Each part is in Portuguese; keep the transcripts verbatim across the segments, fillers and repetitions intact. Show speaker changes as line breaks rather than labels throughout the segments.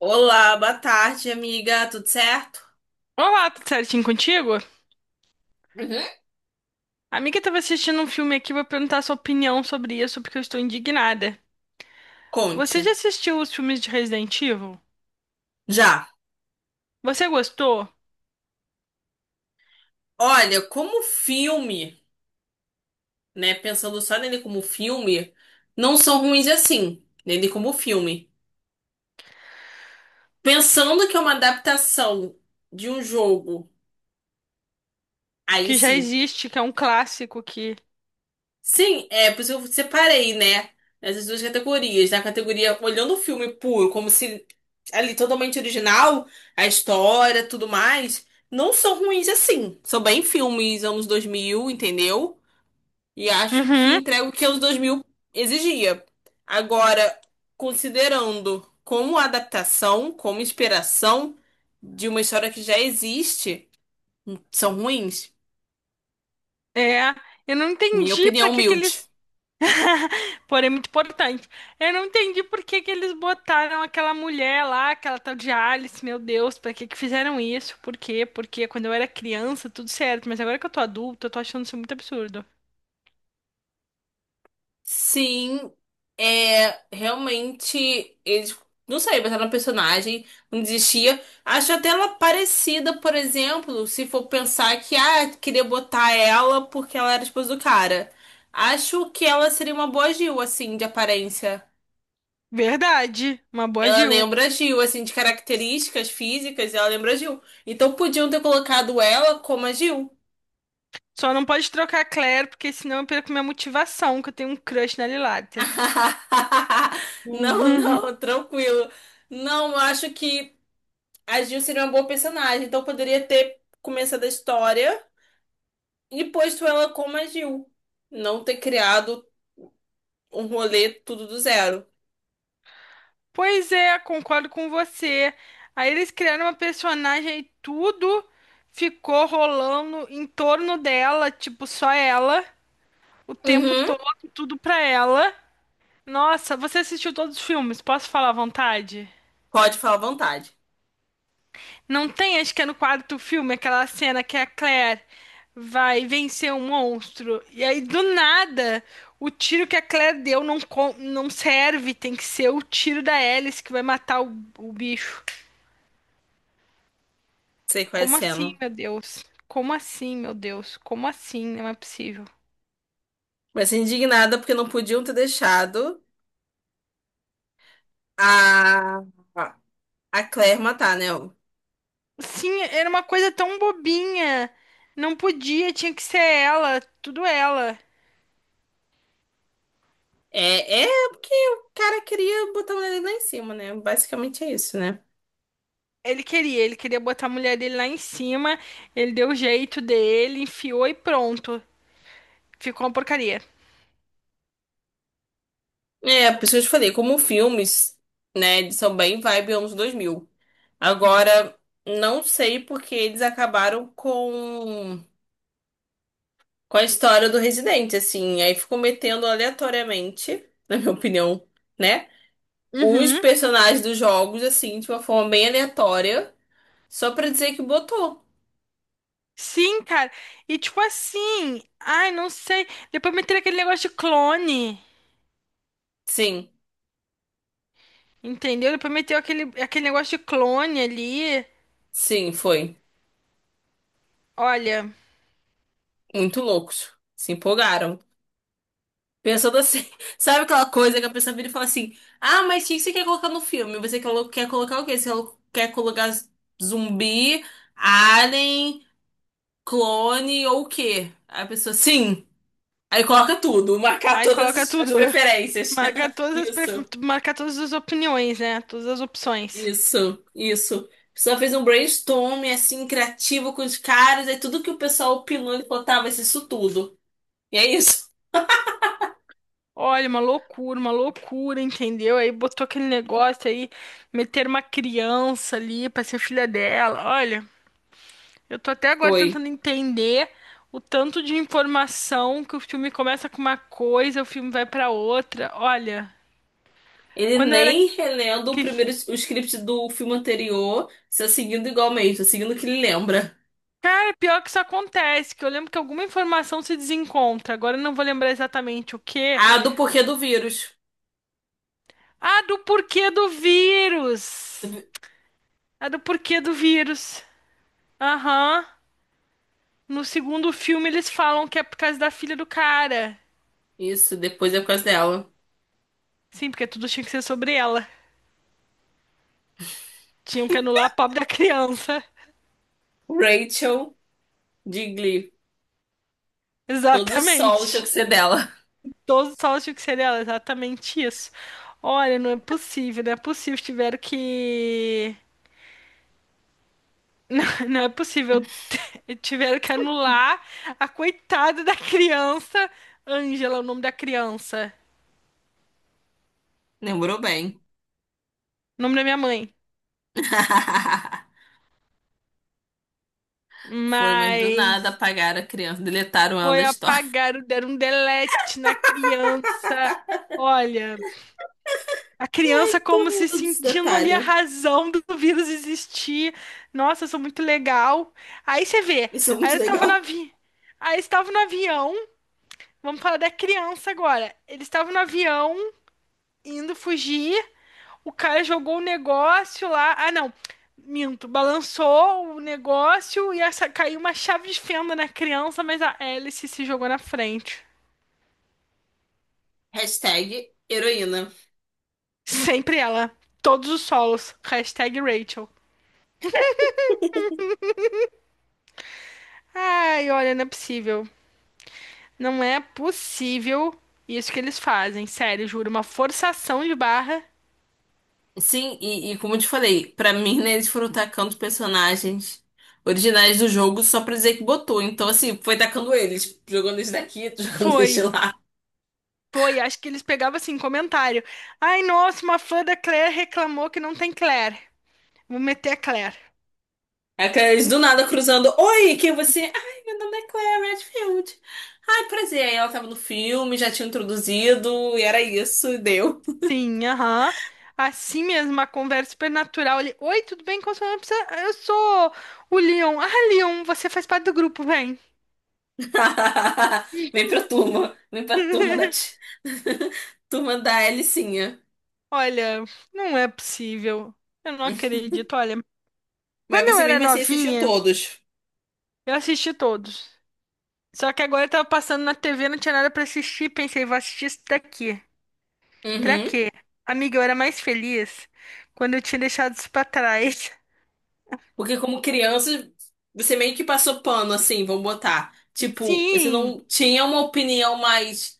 Olá, boa tarde, amiga. Tudo certo?
Olá, tudo certinho contigo?
Uhum.
A amiga estava assistindo um filme aqui, vou perguntar sua opinião sobre isso, porque eu estou indignada. Você já
Conte.
assistiu os filmes de Resident Evil?
Já.
Você gostou?
Olha, como filme, né? Pensando só nele como filme, não são ruins assim. Nele como filme. Pensando que é uma adaptação de um jogo, aí
Que já
sim.
existe, que é um clássico que.
Sim, é por isso que eu separei, né? Essas duas categorias. Na categoria olhando o filme puro, como se ali totalmente original, a história, tudo mais, não são ruins assim. São bem filmes anos dois mil, entendeu? E acho que
Uhum.
entrega o que anos dois mil exigia. Agora, considerando como adaptação, como inspiração de uma história que já existe, são ruins.
É. Eu não
Minha
entendi
opinião
pra que que
humilde.
eles. Porém, é muito importante. Eu não entendi por que que eles botaram aquela mulher lá, aquela tal de Alice, meu Deus, pra que que fizeram isso? Por quê? Porque quando eu era criança, tudo certo, mas agora que eu tô adulta, eu tô achando isso muito absurdo.
Sim, é realmente eles não sei, botaram uma personagem, não desistia. Acho até ela parecida, por exemplo, se for pensar que ah, queria botar ela porque ela era esposa do cara. Acho que ela seria uma boa Gil, assim, de aparência.
Verdade, uma boa
Ela
Jill.
lembra a Gil, assim, de características físicas, ela lembra a Gil. Então podiam ter colocado ela como a Gil.
Só não pode trocar a Claire, porque senão eu perco minha motivação, que eu tenho um crush na Lilater.
Não,
Uhum.
não, tranquilo. Não, eu acho que a Jill seria uma boa personagem, então poderia ter começado a história e posto ela como a Jill. Não ter criado um rolê tudo do zero.
Pois é, concordo com você. Aí eles criaram uma personagem e tudo ficou rolando em torno dela, tipo, só ela, o tempo
Uhum.
todo, tudo pra ela. Nossa, você assistiu todos os filmes? Posso falar à vontade?
Pode falar à vontade.
Não tem, acho que é no quarto filme, aquela cena que a Claire vai vencer um monstro. E aí, do nada, o tiro que a Claire deu não, co- não serve. Tem que ser o tiro da Alice que vai matar o, o bicho.
Sei qual é a
Como assim,
cena.
meu Deus? Como assim, meu Deus? Como assim? Não é possível.
Mas indignada porque não podiam ter deixado a, a Claire matar, né?
Sim, era uma coisa tão bobinha. Não podia, tinha que ser ela, tudo ela.
É, é porque o cara queria botar a mulher dele lá em cima, né? Basicamente é isso, né?
Ele queria, ele queria botar a mulher dele lá em cima, ele deu o jeito dele, enfiou e pronto. Ficou uma porcaria.
É, por isso que eu te falei, como filmes, né, eles são bem vibe anos dois mil. Agora, não sei porque eles acabaram com, com a história do Residente, assim. Aí ficou metendo aleatoriamente, na minha opinião, né? Os
Uhum.
personagens dos jogos, assim, de uma forma bem aleatória, só pra dizer que botou.
Sim, cara. E tipo assim, ai, não sei. Depois meteram aquele negócio de clone,
Sim,
entendeu? Depois meteu aquele, aquele negócio de clone ali.
sim, foi.
Olha,
Muito loucos. Se empolgaram. Pensando assim, sabe aquela coisa que a pessoa vira e fala assim: Ah, mas o que que você quer colocar no filme? Você quer quer colocar o quê? Você quer colocar zumbi, alien, clone ou o quê? Aí a pessoa, sim. Aí coloca tudo, marcar
aí coloca
todas as
tudo.
preferências.
Marca todas as, pref...
Isso,
marca todas as opiniões, né? Todas as opções.
isso, isso. A pessoa fez um brainstorming assim, criativo com os caras, aí tudo que o pessoal opinou, ele falou, tá, vai ser isso tudo. E é isso.
Olha, uma loucura, uma loucura, entendeu? Aí botou aquele negócio aí, meter uma criança ali pra ser filha dela. Olha. Eu tô até agora
Foi.
tentando entender o tanto de informação que o filme começa com uma coisa, o filme vai pra outra. Olha,
Ele
quando eu era
nem relendo o
que
primeiro o script do filme anterior, está seguindo igualmente, está seguindo o que ele lembra.
é pior que isso acontece, que eu lembro que alguma informação se desencontra. Agora eu não vou lembrar exatamente o quê.
A do porquê do vírus.
Ah, do porquê do vírus. Ah, do porquê do vírus. Aham. No segundo filme eles falam que é por causa da filha do cara.
Isso, depois é por causa dela.
Sim, porque tudo tinha que ser sobre ela. Tinham que anular a pobre da criança.
Rachel de Glee. Todos os solos tinham
Exatamente.
que ser dela.
Todos os salas de cereal, exatamente isso. Olha, não é possível, não é possível. Tiveram que. Não, não é possível. Tiveram que anular a coitada da criança. Ângela, é o nome da criança.
Lembrou bem.
O nome da minha mãe.
Foi, mas do nada
Mas
apagaram a criança, deletaram ela da
foi
história.
apagar, deram um delete na criança. Olha. A
Ai,
criança
tô
como se
rindo desse
sentindo ali a
detalhe.
razão do vírus existir. Nossa, isso é muito legal. Aí você vê,
Isso é
aí
muito
eu estava no
legal.
avi... aí eu estava no avião. Vamos falar da criança agora. Ele estava no avião indo fugir. O cara jogou o negócio lá. Ah, não. Minto, balançou o negócio e essa... caiu uma chave de fenda na criança, mas a hélice se jogou na frente.
Hashtag heroína.
Sempre ela. Todos os solos. Hashtag Rachel. Ai, olha, não é possível. Não é possível isso que eles fazem, sério, juro, uma forçação de barra.
Sim, e, e como eu te falei, pra mim, né, eles foram tacando personagens originais do jogo só pra dizer que botou. Então, assim, foi tacando eles, jogando esse daqui, jogando
Foi,
esse lá.
foi, acho que eles pegavam assim, comentário. Ai, nossa, uma fã da Claire reclamou que não tem Claire. Vou meter a Claire.
Aqueles
Um
do nada cruzando. Oi, quem é você? Ai, meu nome é Claire Redfield. Ai, prazer. Aí ela tava no filme, já tinha introduzido, e era isso, e deu.
Sim, aham. Assim mesmo, uma conversa super natural ali. Oi, tudo bem? Como sua não precisa... Eu sou o Leon. Ah, Leon, você faz parte do grupo, vem.
Vem pra turma. Vem pra turma da ti- turma da Alicinha.
Olha, não é possível. Eu não acredito. Olha,
Mas
quando eu
você
era
mesmo assim assistiu
novinha,
todos.
eu assisti todos. Só que agora eu tava passando na T V, não tinha nada pra assistir. Pensei, vou assistir isso daqui. Pra
Uhum.
quê? Amiga, eu era mais feliz quando eu tinha deixado isso pra trás.
Porque como criança, você meio que passou pano, assim, vamos botar. Tipo, você
Sim!
não tinha uma opinião mais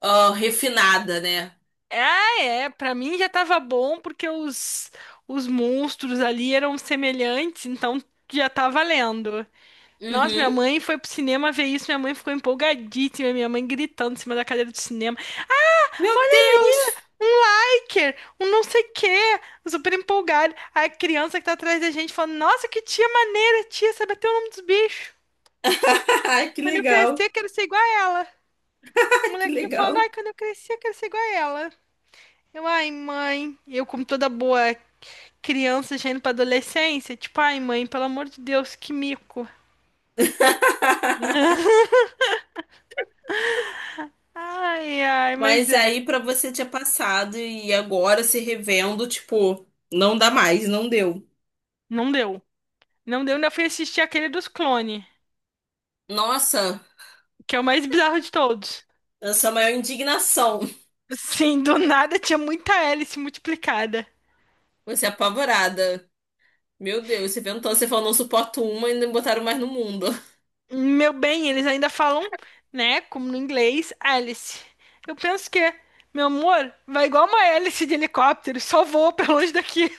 ah, refinada, né?
Ah, é. Pra mim já tava bom porque os, os monstros ali eram semelhantes, então já tá valendo. Nossa, minha
Uhum.
mãe foi pro cinema ver isso, minha mãe ficou empolgadíssima, minha mãe gritando em cima da cadeira do cinema.
Meu
Olha ali,
Deus!
um liker, um não sei o quê, super empolgado. A criança que tá atrás da gente falando, nossa, que tia maneira, tia, sabe até o nome dos bichos.
Ai, que
Quando eu
legal.
crescer, quero ser igual a ela. O
Que
molequinho falando,
legal.
ai, quando eu crescer, quero ser igual a ela. Eu, ai, mãe, eu como toda boa criança já indo pra adolescência, tipo, ai, mãe, pelo amor de Deus, que mico. Ai, ai, mas
Mas
é,
aí pra você tinha passado e agora se revendo, tipo, não dá mais, não deu.
não deu. Não deu, ainda fui assistir aquele dos clones,
Nossa,
que é o mais bizarro de todos.
essa é a maior indignação.
Sim, do nada tinha muita hélice multiplicada.
Você é apavorada. Meu Deus, você inventou, você falou, não suporto uma e ainda me botaram mais no mundo.
Meu bem, eles ainda falam, né, como no inglês, hélice. Eu penso que, meu amor, vai igual uma hélice de helicóptero, só voa pra longe daqui.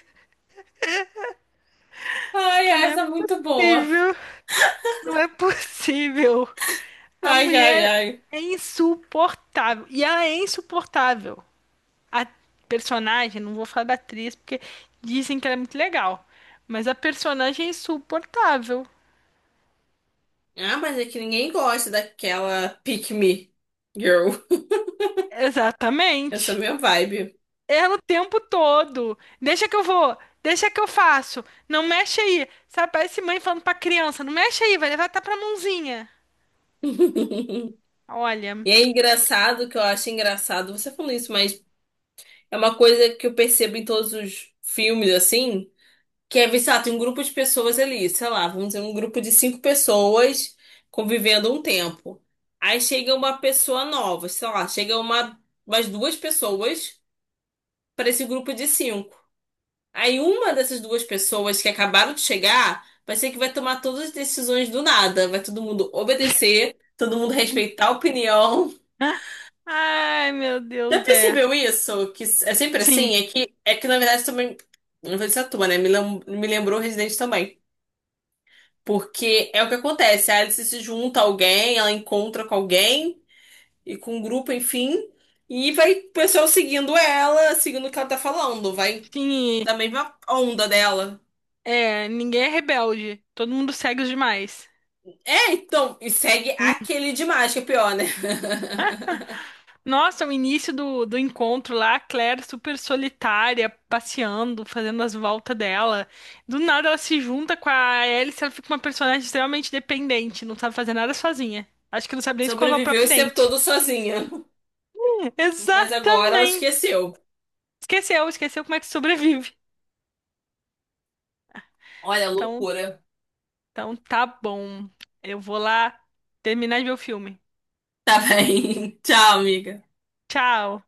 Ai,
Porque
ai,
não é
essa é muito boa.
possível, não é possível. A
Ai, ai,
mulher
ai.
é insuportável. E ela é insuportável. A personagem, não vou falar da atriz, porque dizem que ela é muito legal. Mas a personagem é insuportável.
Ah, mas é que ninguém gosta daquela pick me girl. Essa é a
Exatamente.
minha vibe.
Ela o tempo todo. Deixa que eu vou, deixa que eu faço. Não mexe aí. Sabe, parece mãe falando pra criança, não mexe aí, vai levar até pra mãozinha. Olha.
E é engraçado que eu acho engraçado você falando isso, mas é uma coisa que eu percebo em todos os filmes, assim. Que é, sei lá, tem um grupo de pessoas ali, sei lá, vamos dizer, um grupo de cinco pessoas convivendo um tempo. Aí chega uma pessoa nova, sei lá, chega uma, umas duas pessoas para esse grupo de cinco. Aí uma dessas duas pessoas que acabaram de chegar vai ser que vai tomar todas as decisões do nada. Vai todo mundo obedecer, todo mundo respeitar a opinião.
Ah, ai, meu
Já
Deus, é.
percebeu isso? Que é sempre
Sim,
assim? É que, é que na verdade também. Não vou dizer a tua, né? Me lem- me lembrou Resident também. Porque é o que acontece, a Alice se junta a alguém, ela encontra com alguém e com um grupo, enfim, e vai o pessoal seguindo ela, seguindo o que ela tá falando, vai
sim.
da mesma onda dela.
É, ninguém é rebelde. Todo mundo segue os demais.
É, então, e segue aquele demais, que é pior, né?
Nossa, o início do, do encontro lá, a Claire super solitária, passeando, fazendo as voltas dela. Do nada ela se junta com a Alice, ela fica uma personagem extremamente dependente, não sabe fazer nada sozinha. Acho que não sabe nem escovar o
Sobreviveu
próprio
esse tempo
dente.
todo sozinha, mas agora ela
Exatamente!
esqueceu.
Esqueceu, esqueceu como é que sobrevive.
Olha,
Então,
loucura.
então tá bom. Eu vou lá terminar de ver o filme.
Tá bem. Tchau, amiga.
Tchau!